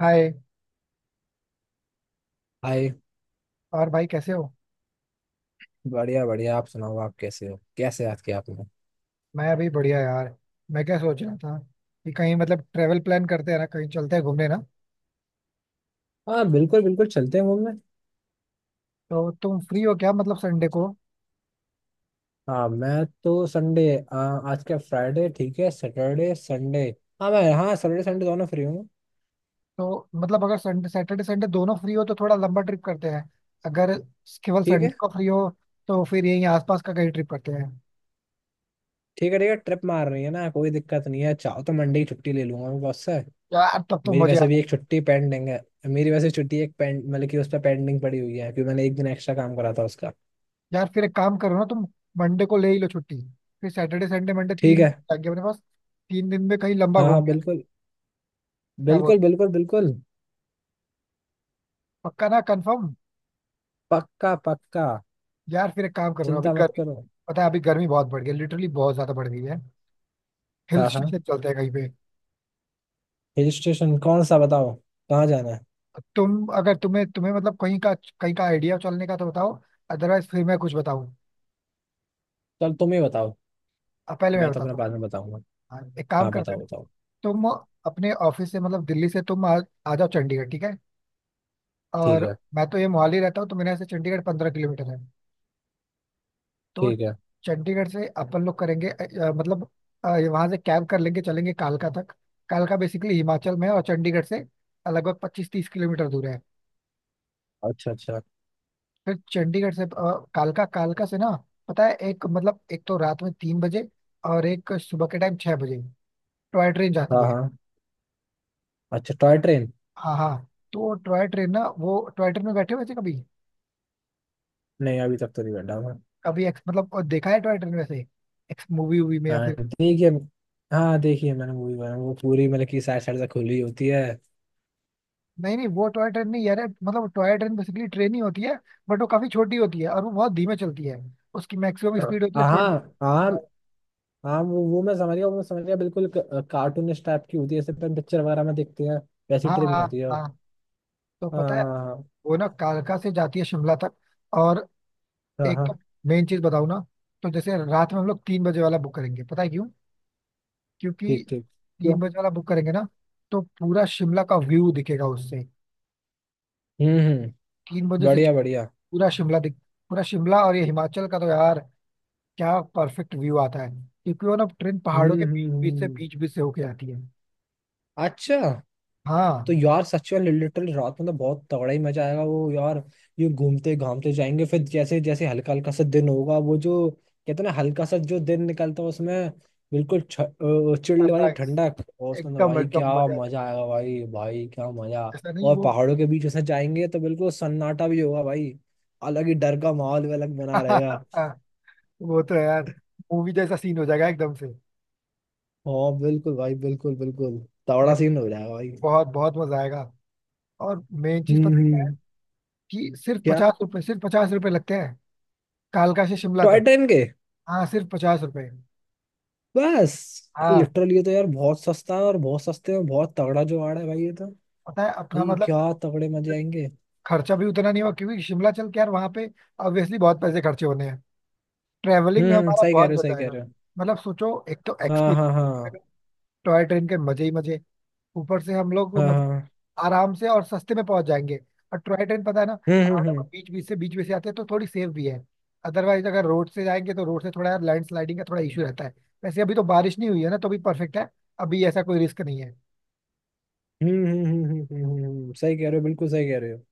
हाय। Hi. और भाई कैसे हो? बढ़िया बढ़िया। आप सुनाओ, आप कैसे हो? कैसे याद किया आपने? मैं अभी बढ़िया यार। मैं क्या सोच रहा था कि कहीं मतलब ट्रेवल प्लान करते हैं ना, कहीं चलते हैं घूमने ना। हाँ, बिल्कुल बिल्कुल चलते हैं मूवी में। तो तुम फ्री हो क्या मतलब संडे को? हाँ, मैं तो संडे आ, आज क्या फ्राइडे? ठीक है, सैटरडे संडे। हाँ मैं, हाँ, सैटरडे संडे दोनों फ्री हूँ। तो मतलब अगर संडे सैटरडे संडे दोनों फ्री हो तो थोड़ा लंबा ट्रिप करते हैं। अगर केवल ठीक है। संडे को फ्री हो तो फिर यहीं आसपास का कहीं ट्रिप करते हैं। ठीक है ठीक है। ट्रिप मार रही है ना, कोई दिक्कत नहीं है। चाहो तो मंडे की छुट्टी ले लूंगा मैं बॉस से। यार तब तो मेरी मजे आ। वैसे भी एक छुट्टी पेंडिंग है। मेरी वैसे छुट्टी एक पेंड मतलब कि उस पर पेंडिंग पड़ी हुई है, क्योंकि मैंने एक दिन एक्स्ट्रा काम करा था उसका। यार फिर एक काम करो ना तुम, मंडे को ले ही लो छुट्टी। फिर सैटरडे संडे मंडे ठीक तीन है। दिन लग गए अपने पास। 3 दिन में कहीं लंबा हाँ घूम हाँ, गया। बिल्कुल। क्या बोल? बिल्कुल बिल्कुल बिल्कुल। पक्का ना? कंफर्म? पक्का पक्का। यार फिर एक काम करो अभी। चिंता मत करो। पता है अभी गर्मी बहुत बढ़ गई है, लिटरली बहुत ज्यादा बढ़ गई है। हिल हाँ हाँ। स्टेशन चलते हैं कहीं पे। हिल स्टेशन कौन सा बताओ? कहाँ जाना है? तुम अगर तुम्हें तुम्हें मतलब कहीं का आइडिया चलने का तो बताओ। अदरवाइज फिर मैं कुछ बताऊँ। चल, तुम ही बताओ। अब पहले मैं मैं तो अपने बताता हूँ। बाद में बताऊंगा। हाँ, एक काम हाँ, करते हैं ना। बताओ बताओ। तुम अपने ऑफिस से मतलब दिल्ली से तुम आ जाओ चंडीगढ़, ठीक है। ठीक और है मैं तो ये मोहाली रहता हूँ तो मेरे यहाँ से चंडीगढ़ 15 किलोमीटर है। तो ठीक है। चंडीगढ़ से अपन लोग करेंगे मतलब वहाँ से कैब कर लेंगे, चलेंगे कालका तक। कालका बेसिकली हिमाचल में है और चंडीगढ़ से लगभग 25-30 किलोमीटर दूर है। अच्छा अच्छा। फिर चंडीगढ़ से कालका कालका से ना, पता है एक मतलब एक तो रात में 3 बजे और एक सुबह के टाइम 6 बजे टॉय ट्रेन हाँ जाती है। हाँ। अच्छा, टॉय ट्रेन। हाँ हाँ। तो वो टॉय ट्रेन ना, वो टॉय ट्रेन में बैठे हुए थे कभी? नहीं, अभी तक तो नहीं बैठा मैं। कभी मतलब देखा है टॉय ट्रेन वैसे एक्स मूवी वूवी में, या हाँ फिर? देखिए। हाँ देखिए, मैंने मूवी बनाई, वो पूरी मतलब की साइड साइड से खुली होती है। नहीं नहीं वो टॉय ट्रेन नहीं यार है, मतलब टॉय ट्रेन बेसिकली ट्रेन ही होती है, बट वो काफी छोटी होती है और वो बहुत धीमे चलती है। उसकी मैक्सिमम स्पीड होती है हाँ 20। हाँ। हाँ वो मैं समझ गया, वो मैं समझ गया, बिल्कुल कार्टूनिस्ट टाइप की होती है जैसे अपन पिक्चर वगैरह में देखते हैं। वैसी हाँ ट्रेन हाँ होती है वो। हाँ। तो पता है, हाँ वो ना कालका से जाती है शिमला तक। और हाँ। हाँ, एक तो, हाँ। मेन चीज बताऊँ ना, तो जैसे रात में हम लोग 3 बजे वाला बुक करेंगे, पता है क्यों? क्योंकि ठीक ठीक। तीन क्यों? बजे वाला बुक करेंगे ना तो पूरा शिमला का व्यू दिखेगा उससे। हम्म। 3 बजे से बढ़िया बढ़िया। पूरा शिमला दिख, पूरा शिमला और ये हिमाचल का, तो यार क्या परफेक्ट व्यू आता है क्योंकि वो ना ट्रेन पहाड़ों हम्म के हम्म हम्म, बीच बीच से होके आती है। अच्छा। तो हाँ। यार सच में लिटरली रात में तो बहुत तगड़ा ही मजा आएगा वो यार। ये घूमते घामते जाएंगे, फिर जैसे जैसे हल्का हल्का सा दिन होगा, वो जो कहते हैं ना, हल्का सा जो दिन निकलता है उसमें। बिल्कुल चिल्ड वाली सनराइज। ठंडक और उसमें तो एकदम भाई एकदम क्या मजा आ मजा जाएगा। आएगा भाई भाई क्या मजा। जैसा नहीं और वो। पहाड़ों के बीच से जाएंगे तो बिल्कुल सन्नाटा भी होगा भाई। अलग ही डर का माहौल भी अलग बना रहेगा। वो तो यार मूवी जैसा सीन हो जाएगा एकदम से। हाँ बिल्कुल भाई बिल्कुल बिल्कुल। ये तगड़ा सीन हो जाएगा भाई। बहुत बहुत मजा आएगा। और मेन चीज पता है क्या है? हम्म। कि सिर्फ क्या? 50 रुपए, सिर्फ पचास रुपए लगते हैं कालका से शिमला टॉय तक। ट्रेन के? हाँ, सिर्फ 50 रुपए। बस? हाँ। लिटरली ये तो यार बहुत सस्ता है, और बहुत सस्ते में बहुत तगड़ा जुगाड़ है भाई ये तो। पता है अपना भाई मतलब क्या तगड़े मजे आएंगे। खर्चा भी उतना नहीं हुआ, क्योंकि शिमला चल के यार, वहां पे ऑब्वियसली बहुत पैसे खर्चे होने हैं, ट्रैवलिंग में हमारा सही कह बहुत रहे हो सही कह बचाएगा। रहे हो। मतलब सोचो, एक तो हाँ हाँ हाँ। एक्सपीरियंस, टॉय ट्रेन के मजे ही मजे, ऊपर से हम लोग हाँ मतलब हाँ। आराम से और सस्ते में पहुंच जाएंगे। और टॉय ट्रेन पता है ना हम्म पहाड़ों के हम्म बीच बीच से आते हैं तो थोड़ी सेफ भी है। अदरवाइज अगर रोड से जाएंगे तो रोड से थोड़ा यार लैंडस्लाइडिंग का थोड़ा इशू रहता है। वैसे अभी तो बारिश नहीं हुई है ना तो भी परफेक्ट है। अभी ऐसा कोई रिस्क नहीं है। सही कह रहे हो बिल्कुल सही कह रहे हो।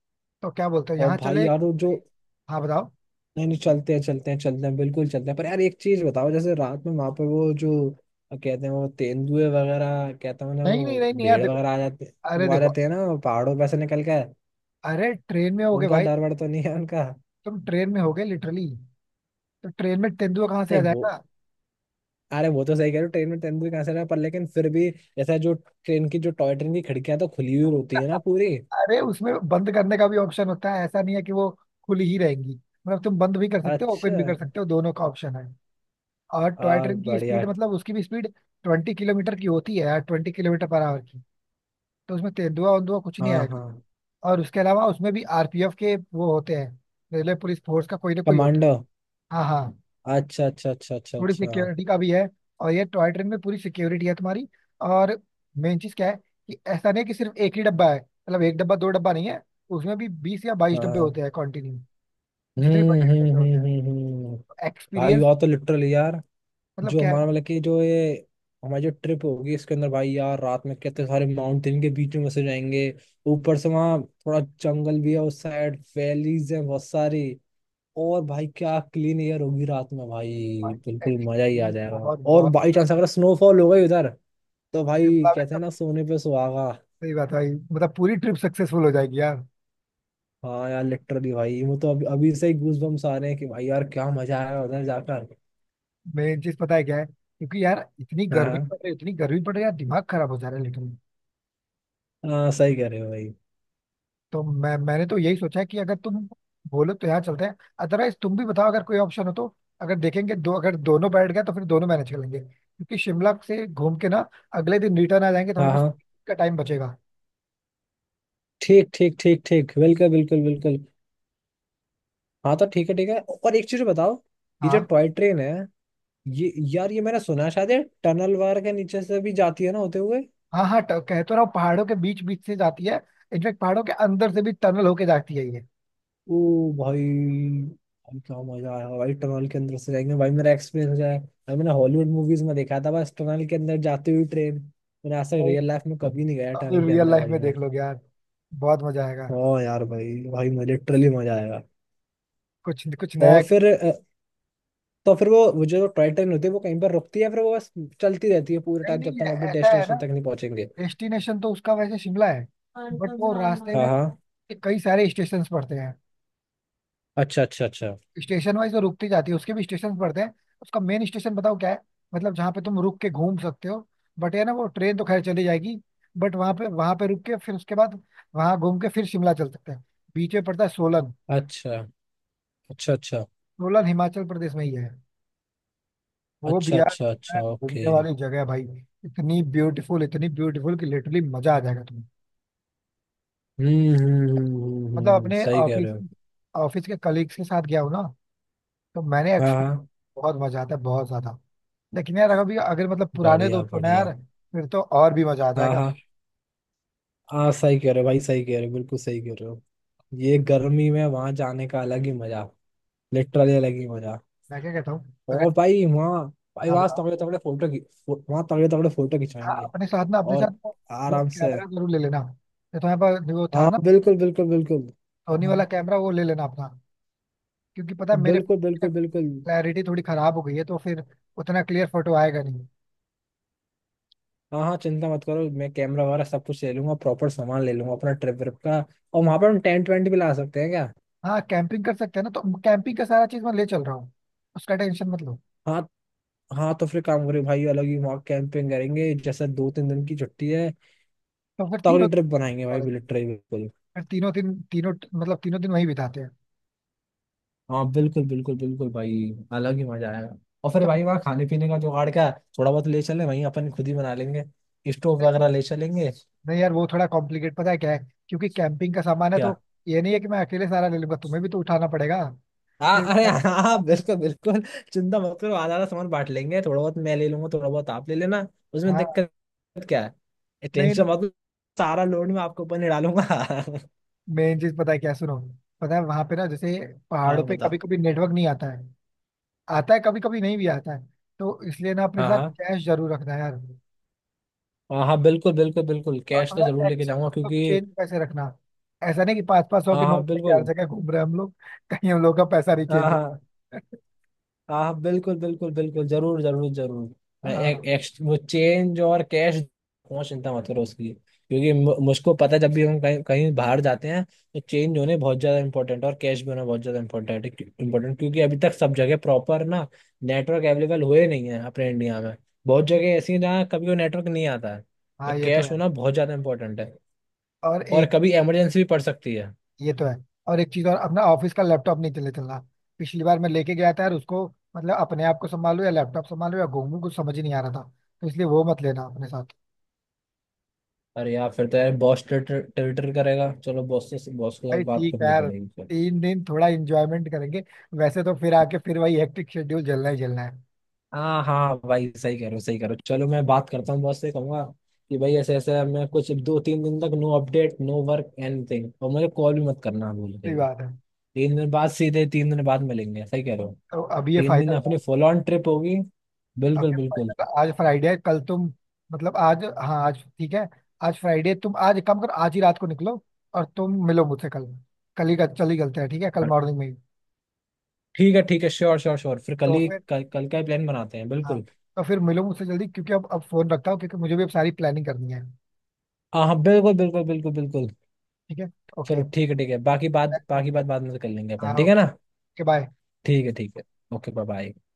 तो क्या बोलते हो, और यहाँ भाई चले? यार वो जो। हाँ बताओ। नहीं नहीं चलते हैं चलते हैं चलते हैं, बिल्कुल चलते हैं, पर यार एक चीज बताओ जैसे रात में वहां पर वो जो कहते हैं वो तेंदुए वगैरह, कहते हैं ना नहीं नहीं वो नहीं नहीं यार भेड़ देखो, वगैरह आ जाते। अरे वो आ देखो, जाते हैं ना पहाड़ों पे से निकल कर। अरे ट्रेन में होगे उनका भाई, डर वर तो नहीं है उनका? तुम ट्रेन में होगे लिटरली, तो ट्रेन में तेंदुआ कहाँ से आ नहीं वो। जाएगा? अरे वो तो सही कह रहे हो, ट्रेन में तेंदुए कहाँ से रहा, पर लेकिन फिर भी ऐसा जो ट्रेन की जो टॉय ट्रेन की खिड़कियां तो खुली हुई होती है ना पूरी। अरे उसमें बंद करने का भी ऑप्शन होता है, ऐसा नहीं है कि वो खुली ही रहेंगी। मतलब तुम बंद भी कर सकते हो, अच्छा। ओपन भी कर सकते हो, दोनों का ऑप्शन है। और टॉय और ट्रेन की स्पीड बढ़िया। मतलब उसकी भी स्पीड 20 किलोमीटर की होती है यार, 20 किलोमीटर पर आवर की। तो उसमें तेंदुआ वेंदुआ कुछ नहीं हाँ आएगा। हाँ। और उसके अलावा उसमें भी आरपीएफ के वो होते हैं, रेलवे पुलिस फोर्स का कोई ना कोई होता है। कमांडो? हाँ हाँ। अच्छा अच्छा अच्छा अच्छा थोड़ी अच्छा। सिक्योरिटी का भी है, और ये टॉय ट्रेन में पूरी सिक्योरिटी है तुम्हारी। और मेन चीज क्या है कि ऐसा नहीं है कि सिर्फ एक ही डब्बा है। मतलब एक डब्बा दो डब्बा नहीं है, उसमें भी 20 या 22 डब्बे होते हाँ। हैं कॉन्टिन्यू, जितने हम्म बड़े हम्म ट्रेन होते हम्म हम्म हम्म। हैं। भाई एक्सपीरियंस यार, तो लिटरल यार, मतलब जो क्या है ना हमारा मतलब कि जो ये हमारी जो ट्रिप होगी इसके अंदर भाई यार, रात में कितने सारे माउंटेन के बीच में फंसे जाएंगे। ऊपर से वहाँ थोड़ा जंगल भी है उस साइड, वैलीज है बहुत सारी। और भाई क्या क्लीन एयर होगी रात में भाई। भाई, बिल्कुल मजा ही आ एक्सपीरियंस जाएगा, बहुत और बहुत। बाई चांस अगर स्नोफॉल हो गई उधर, तो भाई शिमला में कहते तो हैं ना, सोने पे सुहागा। सही बात है भाई, मतलब पूरी ट्रिप सक्सेसफुल हो जाएगी यार। हाँ यार लिटरली भाई वो तो अभी अभी से ही गूज बम्स आ रहे हैं कि भाई यार क्या मजा आया उधर जाकर। मेन चीज पता है क्या है? क्योंकि यार इतनी हाँ गर्मी हाँ। पड़ रही है, इतनी गर्मी पड़ रही है यार, दिमाग खराब हो जा रहा है लिटरली। हाँ, सही कह रहे हो भाई। तो मैंने तो यही सोचा है कि अगर तुम बोलो तो यहाँ चलते हैं। अदरवाइज तुम भी बताओ अगर कोई ऑप्शन हो तो। अगर देखेंगे दो अगर दोनों बैठ गए तो फिर दोनों मैनेज कर लेंगे, क्योंकि शिमला से घूम के ना अगले दिन रिटर्न आ जाएंगे तो हमारे हाँ पास हाँ। का टाइम बचेगा। ठीक ठीक ठीक ठीक बिल्कुल बिल्कुल बिल्कुल। हाँ तो ठीक है ठीक है, और एक चीज बताओ। ये जो हाँ टॉय ट्रेन है, ये यार ये मैंने सुना है शायद, ये टनल वार के नीचे से भी जाती है ना होते हुए। हाँ हाँ। कह तो रहा हूँ पहाड़ों के बीच बीच से जाती है, इनफेक्ट पहाड़ों के अंदर से भी टनल होके जाती है ये। ओ भाई! भाई क्या मजा आया भाई, टनल के अंदर से जाएंगे भाई, मेरा एक्सपीरियंस हो जाए भाई। मैंने हॉलीवुड मूवीज में देखा था बस, टनल के अंदर जाती हुई ट्रेन। मैंने आज तक नहीं, रियल लाइफ में कभी नहीं गया अब तो टनल के रियल अंदर लाइफ भाई में मैं। देख लोगे यार, बहुत मजा आएगा, हाँ यार भाई भाई मैं लिटरली मजा आएगा। कुछ कुछ नया। और फिर तो फिर वो जो टॉय ट्रेन होती है वो कहीं पर रुकती है, फिर वो बस चलती रहती है पूरे नहीं टाइम जब नहीं तक हम अपने ऐसा है ना, डेस्टिनेशन तक नहीं पहुंचेंगे? डेस्टिनेशन तो उसका वैसे शिमला है, हाँ। बट वो रास्ते में हाँ। कई सारे स्टेशन पड़ते हैं। अच्छा अच्छा अच्छा। स्टेशन वाइज तो रुकती जाती है, उसके भी स्टेशन पड़ते हैं। उसका मेन स्टेशन बताओ क्या है, मतलब जहाँ पे तुम रुक के घूम सकते हो, बट है ना वो ट्रेन तो खैर चली जाएगी, बट वहां पे रुक के फिर उसके बाद वहां घूम के फिर शिमला चल सकते हैं। बीच में पड़ता है सोलन। अच्छा अच्छा अच्छा, सोलन हिमाचल प्रदेश में ही है, वो भी अच्छा यार अच्छा अच्छा क्या ओके। घूमने वाली जगह है भाई। इतनी ब्यूटीफुल, इतनी ब्यूटीफुल कि लिटरली मजा आ जाएगा तुम्हें। मतलब अपने सही कह ऑफिस, रहे हो। ऑफिस के कलीग्स के साथ गया हूँ ना, तो मैंने हाँ एक्सपीरियंस, हाँ। बहुत मजा आता है बहुत ज्यादा। लेकिन यार अभी अगर मतलब पुराने बढ़िया दोस्त हो ना बढ़िया। यार, फिर तो और भी मजा आ हाँ जाएगा। हाँ। हाँ सही कह रहे हो भाई सही कह रहे हो बिल्कुल सही कह रहे हो। ये गर्मी में वहां जाने का अलग ही मजा, लिटरली अलग ही मजा। मैं क्या कहता हूँ अगर, और भाई वहाँ, भाई हाँ वहाँ बताओ, तगड़े तगड़े फोटो वहाँ तगड़े तगड़े फोटो हाँ खिंचाएंगे। अपने साथ ना, अपने और साथ वो आराम से। कैमरा जरूर ले लेना। तो तुम्हारे पास वो था हाँ ना बिल्कुल बिल्कुल बिल्कुल। सोनी हाँ। वाला कैमरा, वो ले लेना अपना। क्योंकि पता है मेरे बिल्कुल बिल्कुल बिल्कुल। क्लैरिटी थोड़ी खराब हो गई है, तो फिर उतना क्लियर फोटो आएगा नहीं। हाँ हाँ, चिंता मत करो, मैं कैमरा वगैरह सब कुछ ले लूंगा, प्रॉपर सामान ले लूंगा अपना ट्रिप ट्रिप का। और वहां पर हम टेंट वेंट भी ला सकते हैं क्या? हाँ कैंपिंग कर सकते हैं ना, तो कैंपिंग का सारा चीज मैं ले चल रहा हूँ, उसका टेंशन मत लो। हाँ। हाँ तो फिर काम करें भाई, अलग ही वहाँ कैंपिंग करेंगे, जैसे 2-3 दिन की छुट्टी है। तो फिर तीनों, तगड़ी ट्रिप बनाएंगे भाई फिर बिल्कुल ट्रिप बिल्कुल। तीनों दिन तीनों मतलब तीनों दिन वहीं बिताते हैं। हाँ बिल्कुल बिल्कुल बिल्कुल भाई। अलग ही मजा आएगा। और फिर अच्छा। भाई वहाँ खाने पीने का जुगाड़ क्या है? थोड़ा बहुत ले चले वहीं अपन खुद ही बना लेंगे, स्टोव वगैरह ले चलेंगे। नहीं यार वो थोड़ा कॉम्प्लिकेट पता है क्या है, क्योंकि कैंपिंग का सामान है, क्या? तो ये नहीं है कि मैं अकेले सारा ले लूंगा, तुम्हें भी तो उठाना पड़ेगा। हाँ फिर अरे इतना हाँ ज्यादा सामान- हाँ, बिल्कुल बिल्कुल। चिंता मत करो, आधा आधा सामान बांट लेंगे, थोड़ा बहुत मैं ले लूंगा, थोड़ा बहुत आप ले लेना। उसमें हाँ। दिक्कत क्या है? नहीं टेंशन नहीं। मत लो, सारा लोड मैं आपके ऊपर नहीं डालूंगा। मेन चीज पता है क्या है? सुनो, पता है वहां पे ना, जैसे हाँ पहाड़ों पे कभी बताओ। कभी नेटवर्क नहीं आता है। आता है कभी कभी, नहीं भी आता है। तो इसलिए ना अपने हाँ साथ हाँ। कैश जरूर रखना यार। हाँ हाँ बिल्कुल बिल्कुल बिल्कुल, और कैश तो थोड़ा जरूर लेके एक्स जाऊंगा मतलब क्योंकि। चेंज पैसे रखना। ऐसा नहीं कि 500-500 के हाँ हाँ नोट लेके हर बिल्कुल। जगह घूम रहे हैं हम लोग, कहीं हम लोग का पैसा नहीं हाँ चेंज हो। हाँ हाँ हाँ, बिल्कुल बिल्कुल बिल्कुल जरूर जरूर जरूर। मैं हाँ एक वो चेंज और कैश पहुंच, चिंता मत करो उसकी, क्योंकि मुझको पता है जब भी हम कहीं कहीं बाहर जाते हैं तो चेंज होने बहुत ज्यादा इंपॉर्टेंट और कैश भी होना बहुत ज्यादा इंपॉर्टेंट इंपॉर्टेंट, क्योंकि अभी तक सब जगह प्रॉपर ना नेटवर्क अवेलेबल हुए नहीं है अपने इंडिया में। बहुत जगह ऐसी है जहाँ कभी वो नेटवर्क नहीं आता है, तो हाँ ये तो कैश है। होना बहुत ज्यादा इंपॉर्टेंट है, और और एक कभी इमरजेंसी भी पड़ सकती है। ये तो है। और एक चीज और, अपना ऑफिस का लैपटॉप नहीं चले चलना। पिछली बार मैं लेके गया था यार उसको, मतलब अपने आप को संभालो या लैपटॉप संभालो या घूमू, कुछ समझ ही नहीं आ रहा था। तो इसलिए वो मत लेना अपने साथ। अरे यार फिर तो यार बॉस टिल्टर करेगा, चलो बॉस से बॉस के साथ भाई बात ठीक है करनी यार, पड़ेगी फिर। 3 दिन थोड़ा इंजॉयमेंट करेंगे, वैसे तो फिर आके फिर वही हेक्टिक शेड्यूल चलना ही चलना है। हाँ हाँ भाई सही करो सही करो, चलो मैं बात करता हूँ बॉस से, कहूंगा कि भाई ऐसे ऐसे मैं कुछ 2-3 दिन तक no update no work anything, और मुझे कॉल भी मत करना, बोलते सही हुए। बात है। 3 दिन बाद सीधे 3 दिन बाद मिलेंगे, सही कह रहे हो। तो अभी ये 3 दिन फाइनल, अपनी फुल ऑन ट्रिप होगी, बिल्कुल अभी बिल्कुल। फाइनल, आज फ्राइडे है। कल तुम मतलब आज, हाँ आज ठीक है, आज फ्राइडे, तुम आज एक काम करो, आज ही रात को निकलो और तुम मिलो मुझसे कल, कल ही चल ही चलते हैं ठीक है, कल हाँ, मॉर्निंग में ही। ठीक है श्योर श्योर श्योर, फिर कल तो ही फिर, कल, कल का ही प्लान बनाते हैं हाँ, बिल्कुल। तो फिर मिलो मुझसे जल्दी क्योंकि अब फोन रखता हूँ क्योंकि मुझे भी अब सारी प्लानिंग करनी है। हाँ हाँ बिल्कुल बिल्कुल बिल्कुल बिल्कुल। ठीक है। ओके। चलो ठीक है ठीक है, बाकी बात बाद में कर लेंगे हाँ अपन, ठीक है ना? ओके। बाय। ठीक है ठीक है। Okay, bye bye.